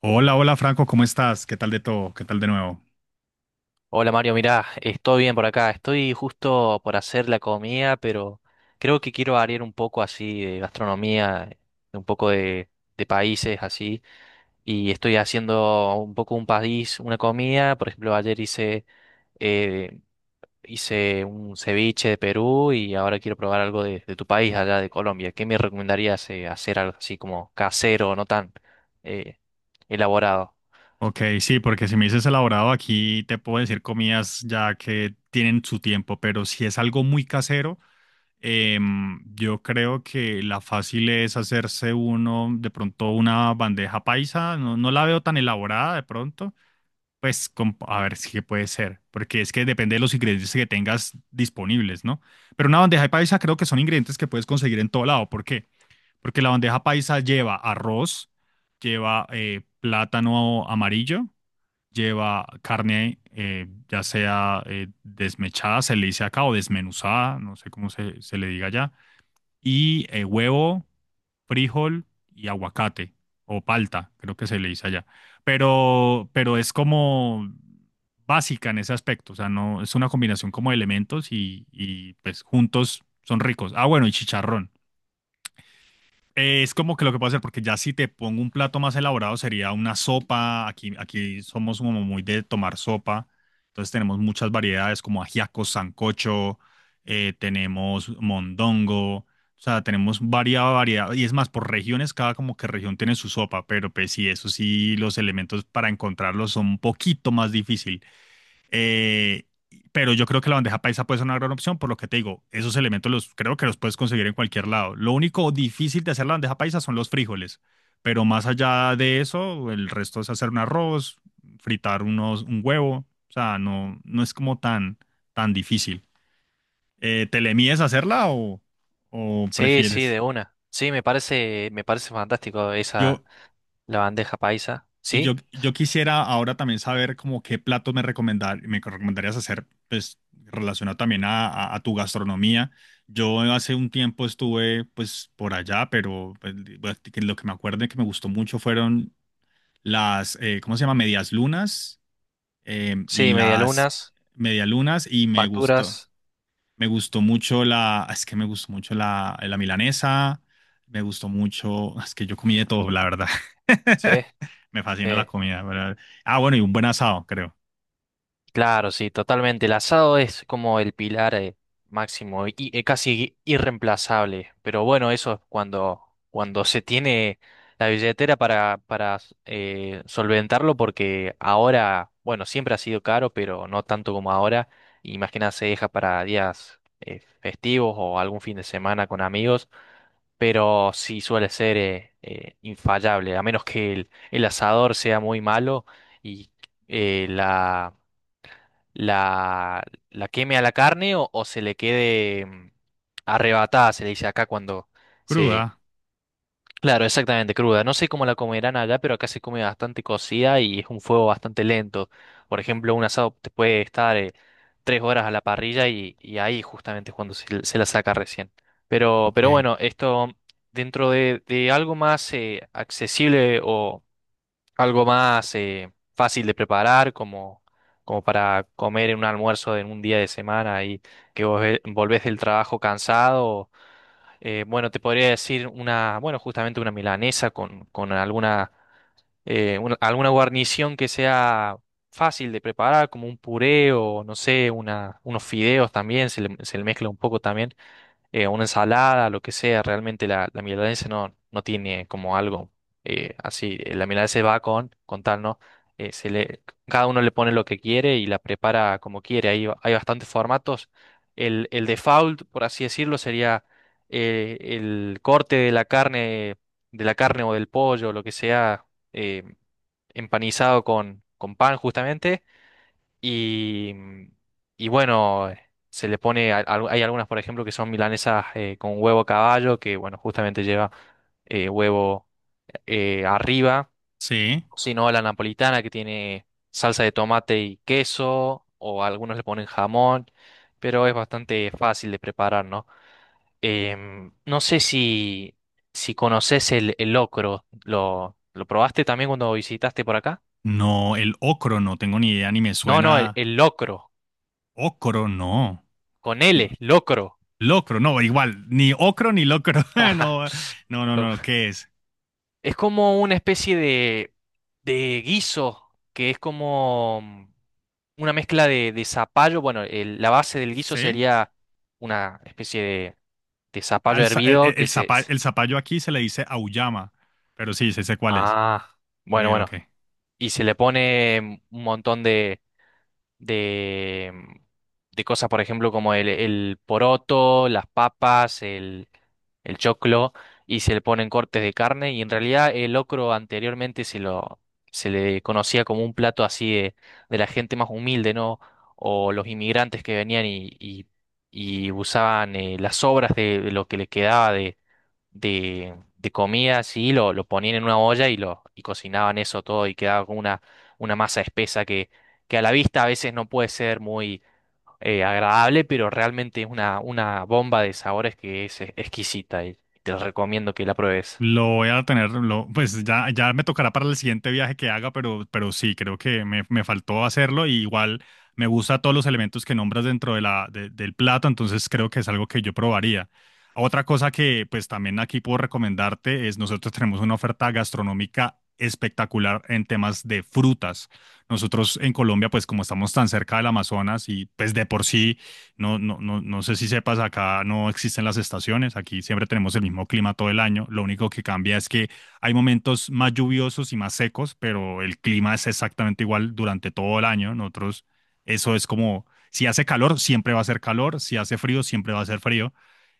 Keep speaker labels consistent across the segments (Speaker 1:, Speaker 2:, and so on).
Speaker 1: Hola, hola Franco, ¿cómo estás? ¿Qué tal de todo? ¿Qué tal de nuevo?
Speaker 2: Hola Mario, mirá, estoy bien por acá. Estoy justo por hacer la comida, pero creo que quiero variar un poco así de gastronomía, de un poco de países así. Y estoy haciendo un poco un país, una comida. Por ejemplo, ayer hice, eh, hice un ceviche de Perú y ahora quiero probar algo de tu país allá de Colombia. ¿Qué me recomendarías hacer algo así como casero, no tan eh, elaborado?
Speaker 1: Ok, sí, porque si me dices elaborado aquí te puedo decir comidas ya que tienen su tiempo, pero si es algo muy casero, yo creo que la fácil es hacerse uno de pronto una bandeja paisa, no, no la veo tan elaborada de pronto, pues a ver si puede ser, porque es que depende de los ingredientes que tengas disponibles, ¿no? Pero una bandeja paisa creo que son ingredientes que puedes conseguir en todo lado, ¿por qué? Porque la bandeja paisa lleva arroz, lleva plátano amarillo, lleva carne, ya sea desmechada, se le dice acá, o desmenuzada, no sé cómo se le diga allá, y huevo, frijol y aguacate, o palta, creo que se le dice allá. Pero es como básica en ese aspecto, o sea, no, es una combinación como de elementos y pues juntos son ricos. Ah, bueno, y chicharrón. Es como que lo que puedo hacer, porque ya si te pongo un plato más elaborado sería una sopa. Aquí, aquí somos como muy de tomar sopa. Entonces tenemos muchas variedades como ajiaco, sancocho, tenemos mondongo. O sea, tenemos variada variedad. Y es más, por regiones, cada como que región tiene su sopa. Pero pues sí, eso sí, los elementos para encontrarlos son un poquito más difícil. Eh, pero yo creo que la bandeja paisa puede ser una gran opción, por lo que te digo, esos elementos los creo que los puedes conseguir en cualquier lado. Lo único difícil de hacer la bandeja paisa son los frijoles, pero más allá de eso, el resto es hacer un arroz, fritar un huevo, o sea, no, no es como tan, tan difícil. ¿Te le mides a hacerla o
Speaker 2: Sí, sí,
Speaker 1: prefieres?
Speaker 2: de una. Sí, me parece fantástico esa
Speaker 1: Yo,
Speaker 2: la bandeja paisa.
Speaker 1: Y yo,
Speaker 2: ¿Sí?
Speaker 1: yo quisiera ahora también saber como qué platos me recomendarías hacer, pues relacionado también a, a tu gastronomía. Yo hace un tiempo estuve pues por allá, pero pues, bueno, que lo que me acuerdo y que me gustó mucho fueron las, ¿cómo se llama? Medias lunas y
Speaker 2: Sí,
Speaker 1: las
Speaker 2: medialunas,
Speaker 1: medialunas y me gustó.
Speaker 2: facturas.
Speaker 1: Me gustó mucho es que me gustó mucho la milanesa, me gustó mucho, es que yo comí de todo, la verdad.
Speaker 2: Sí,
Speaker 1: Me fascina la
Speaker 2: sí.
Speaker 1: comida, ¿verdad? Ah, bueno, y un buen asado, creo.
Speaker 2: Claro, sí, totalmente. El asado es como el pilar máximo y casi irreemplazable. Pero bueno, eso es cuando se tiene la billetera para, para solventarlo, porque ahora, bueno, siempre ha sido caro, pero no tanto como ahora. Imagina, se deja para días festivos o algún fin de semana con amigos. Pero sí suele ser infallable, a menos que el asador sea muy malo y eh, la, la, la queme a la carne o se le quede arrebatada, se le dice acá cuando se
Speaker 1: Cruda,
Speaker 2: claro, exactamente, cruda. No sé cómo la comerán allá, pero acá se come bastante cocida y es un fuego bastante lento. Por ejemplo, un asado te puede estar 3 horas a la parrilla y ahí justamente es cuando se la saca recién.
Speaker 1: ok.
Speaker 2: Pero bueno, esto dentro de algo más accesible o algo más fácil de preparar, como, como para comer en un almuerzo en un día de semana y que volvés del trabajo cansado. Bueno, te podría decir una, bueno, justamente una milanesa con alguna guarnición que sea fácil de preparar, como un puré o, no sé, una, unos fideos también, se le mezcla un poco también una ensalada, lo que sea, realmente la milanesa no, no tiene como algo así. La milanesa va con tal, ¿no? Se le, cada uno le pone lo que quiere y la prepara como quiere. Hay bastantes formatos. El default, por así decirlo, sería el corte de la carne o del pollo, lo que sea, eh, empanizado con pan justamente y, y bueno, se le pone, hay algunas, por ejemplo, que son milanesas con huevo a caballo, que bueno, justamente lleva huevo arriba,
Speaker 1: Sí.
Speaker 2: sino la napolitana que tiene salsa de tomate y queso, o algunos le ponen jamón, pero es bastante fácil de preparar, ¿no? No sé si, si conoces el locro, lo probaste también cuando visitaste por acá?
Speaker 1: No, el ocro, no tengo ni idea, ni me
Speaker 2: No, no,
Speaker 1: suena.
Speaker 2: el locro,
Speaker 1: Ocro, no.
Speaker 2: con L, locro.
Speaker 1: Locro, no, igual, ni ocro ni locro. No, no, no, no, ¿qué es?
Speaker 2: Es como una especie de guiso, que es como una mezcla de zapallo. Bueno, la base del guiso
Speaker 1: ¿Sí?
Speaker 2: sería una especie de zapallo
Speaker 1: El, el,
Speaker 2: hervido que
Speaker 1: el
Speaker 2: se...
Speaker 1: zapa-
Speaker 2: se-
Speaker 1: el zapallo aquí se le dice auyama, pero sí, sé cuál es.
Speaker 2: ah,
Speaker 1: Ok,
Speaker 2: bueno, bueno.
Speaker 1: ok.
Speaker 2: Y se le pone un montón de, de cosas, por ejemplo, como el poroto, las papas, el choclo y se le ponen cortes de carne y en realidad el locro anteriormente se le conocía como un plato así de la gente más humilde, ¿no? O los inmigrantes que venían y usaban las sobras de lo que les quedaba de comida, así lo ponían en una olla y lo y cocinaban eso todo y quedaba con una masa espesa que a la vista a veces no puede ser muy agradable, pero realmente es una bomba de sabores que es exquisita y te recomiendo que la pruebes.
Speaker 1: Lo voy a tener, pues ya, ya me tocará para el siguiente viaje que haga, pero sí, creo que me faltó hacerlo y igual me gusta todos los elementos que nombras dentro de la, del plato, entonces creo que es algo que yo probaría. Otra cosa que pues también aquí puedo recomendarte es nosotros tenemos una oferta gastronómica espectacular en temas de frutas. Nosotros en Colombia, pues como estamos tan cerca del Amazonas y pues de por sí no, no, no, no sé si sepas, acá no existen las estaciones, aquí siempre tenemos el mismo clima todo el año, lo único que cambia es que hay momentos más lluviosos y más secos, pero el clima es exactamente igual durante todo el año. Nosotros, eso es como, si hace calor, siempre va a ser calor, si hace frío, siempre va a ser frío.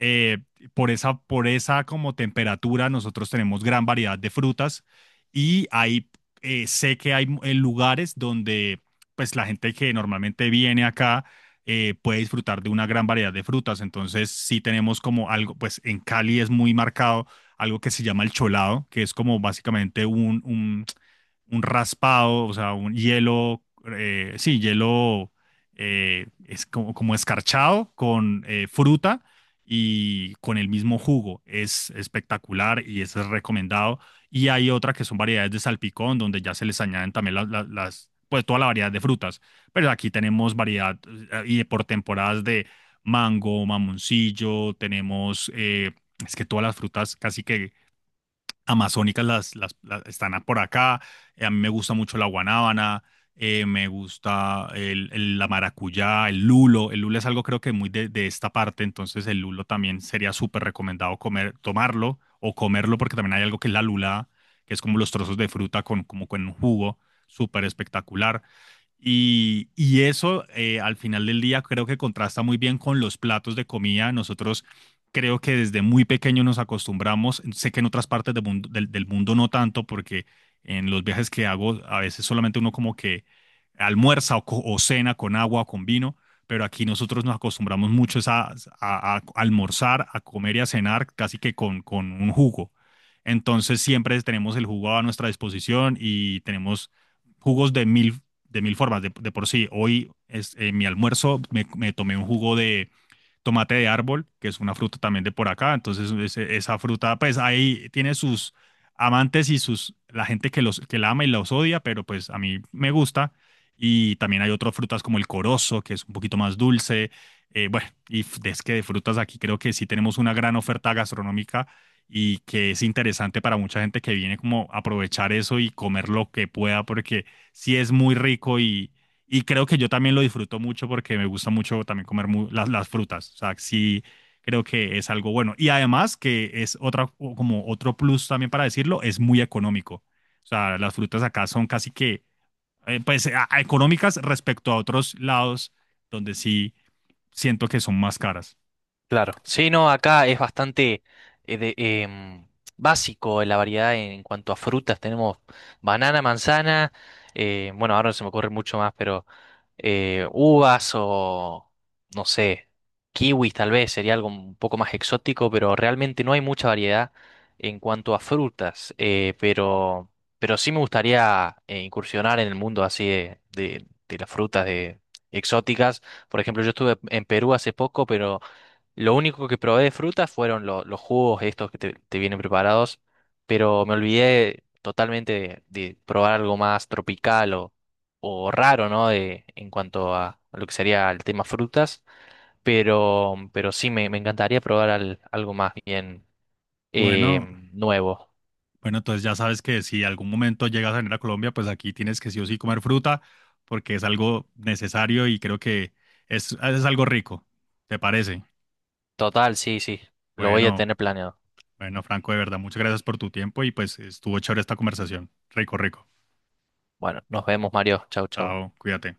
Speaker 1: Eh, por esa, por esa como temperatura, nosotros tenemos gran variedad de frutas y hay, sé que hay lugares donde pues la gente que normalmente viene acá puede disfrutar de una gran variedad de frutas. Entonces sí tenemos como algo, pues en Cali es muy marcado algo que se llama el cholado, que es como básicamente un raspado, o sea, un hielo, sí, hielo es como, como escarchado con fruta y con el mismo jugo. Es espectacular y ese es recomendado. Y hay otra que son variedades de salpicón, donde ya se les añaden también las, pues toda la variedad de frutas. Pero aquí tenemos variedad y por temporadas de mango, mamoncillo, tenemos, es que todas las frutas casi que amazónicas están por acá. A mí me gusta mucho la guanábana, me gusta la maracuyá, el lulo. El lulo es algo creo que muy de esta parte, entonces el lulo también sería súper recomendado comer, tomarlo o comerlo porque también hay algo que es la lula, que es como los trozos de fruta con, como con un jugo súper espectacular. Y eso al final del día creo que contrasta muy bien con los platos de comida. Nosotros creo que desde muy pequeño nos acostumbramos, sé que en otras partes del mundo, del mundo no tanto, porque en los viajes que hago a veces solamente uno como que almuerza o, o cena con agua o con vino, pero aquí nosotros nos acostumbramos mucho es a, a almorzar, a comer y a cenar casi que con un jugo. Entonces siempre tenemos el jugo a nuestra disposición y tenemos jugos de mil formas. De por sí, hoy es, mi almuerzo me tomé un jugo de, tomate de árbol, que es una fruta también de por acá. Entonces, esa fruta, pues ahí tiene sus amantes y sus, la gente que los, que la ama y los odia, pero pues a mí me gusta. Y también hay otras frutas como el corozo, que es un poquito más dulce. Bueno, y es que de frutas aquí creo que sí tenemos una gran oferta gastronómica y que es interesante para mucha gente que viene como a aprovechar eso y comer lo que pueda, porque sí es muy rico y creo que yo también lo disfruto mucho porque me gusta mucho también comer las frutas. O sea, sí, creo que es algo bueno. Y además que es otra, o como otro plus también para decirlo, es muy económico. O sea, las frutas acá son casi que, pues, a económicas respecto a otros lados donde sí siento que son más caras.
Speaker 2: Claro. Sí, no, acá es bastante eh, de- em, básico la variedad en cuanto a frutas. Tenemos banana, manzana, bueno, ahora no se me ocurre mucho más, pero uvas o, no sé, kiwis tal vez sería algo un poco más exótico, pero realmente no hay mucha variedad en cuanto a frutas. Pero sí me gustaría incursionar en el mundo así de las frutas de, exóticas. Por ejemplo, yo estuve en Perú hace poco, pero... lo único que probé de frutas fueron los jugos estos que te vienen preparados, pero me olvidé totalmente de probar algo más tropical o raro, ¿no? De, en cuanto a lo que sería el tema frutas, pero sí me encantaría probar algo más bien eh,
Speaker 1: Bueno,
Speaker 2: nuevo.
Speaker 1: bueno, entonces ya sabes que si algún momento llegas a venir a Colombia, pues aquí tienes que sí o sí comer fruta porque es algo necesario y creo que es algo rico. ¿Te parece?
Speaker 2: Total, sí, sí, lo voy a
Speaker 1: Bueno,
Speaker 2: tener planeado.
Speaker 1: bueno, Franco, de verdad, muchas gracias por tu tiempo y pues estuvo chévere esta conversación. Rico, rico.
Speaker 2: Bueno, nos vemos, Mario. Chau, chau.
Speaker 1: Chao, cuídate.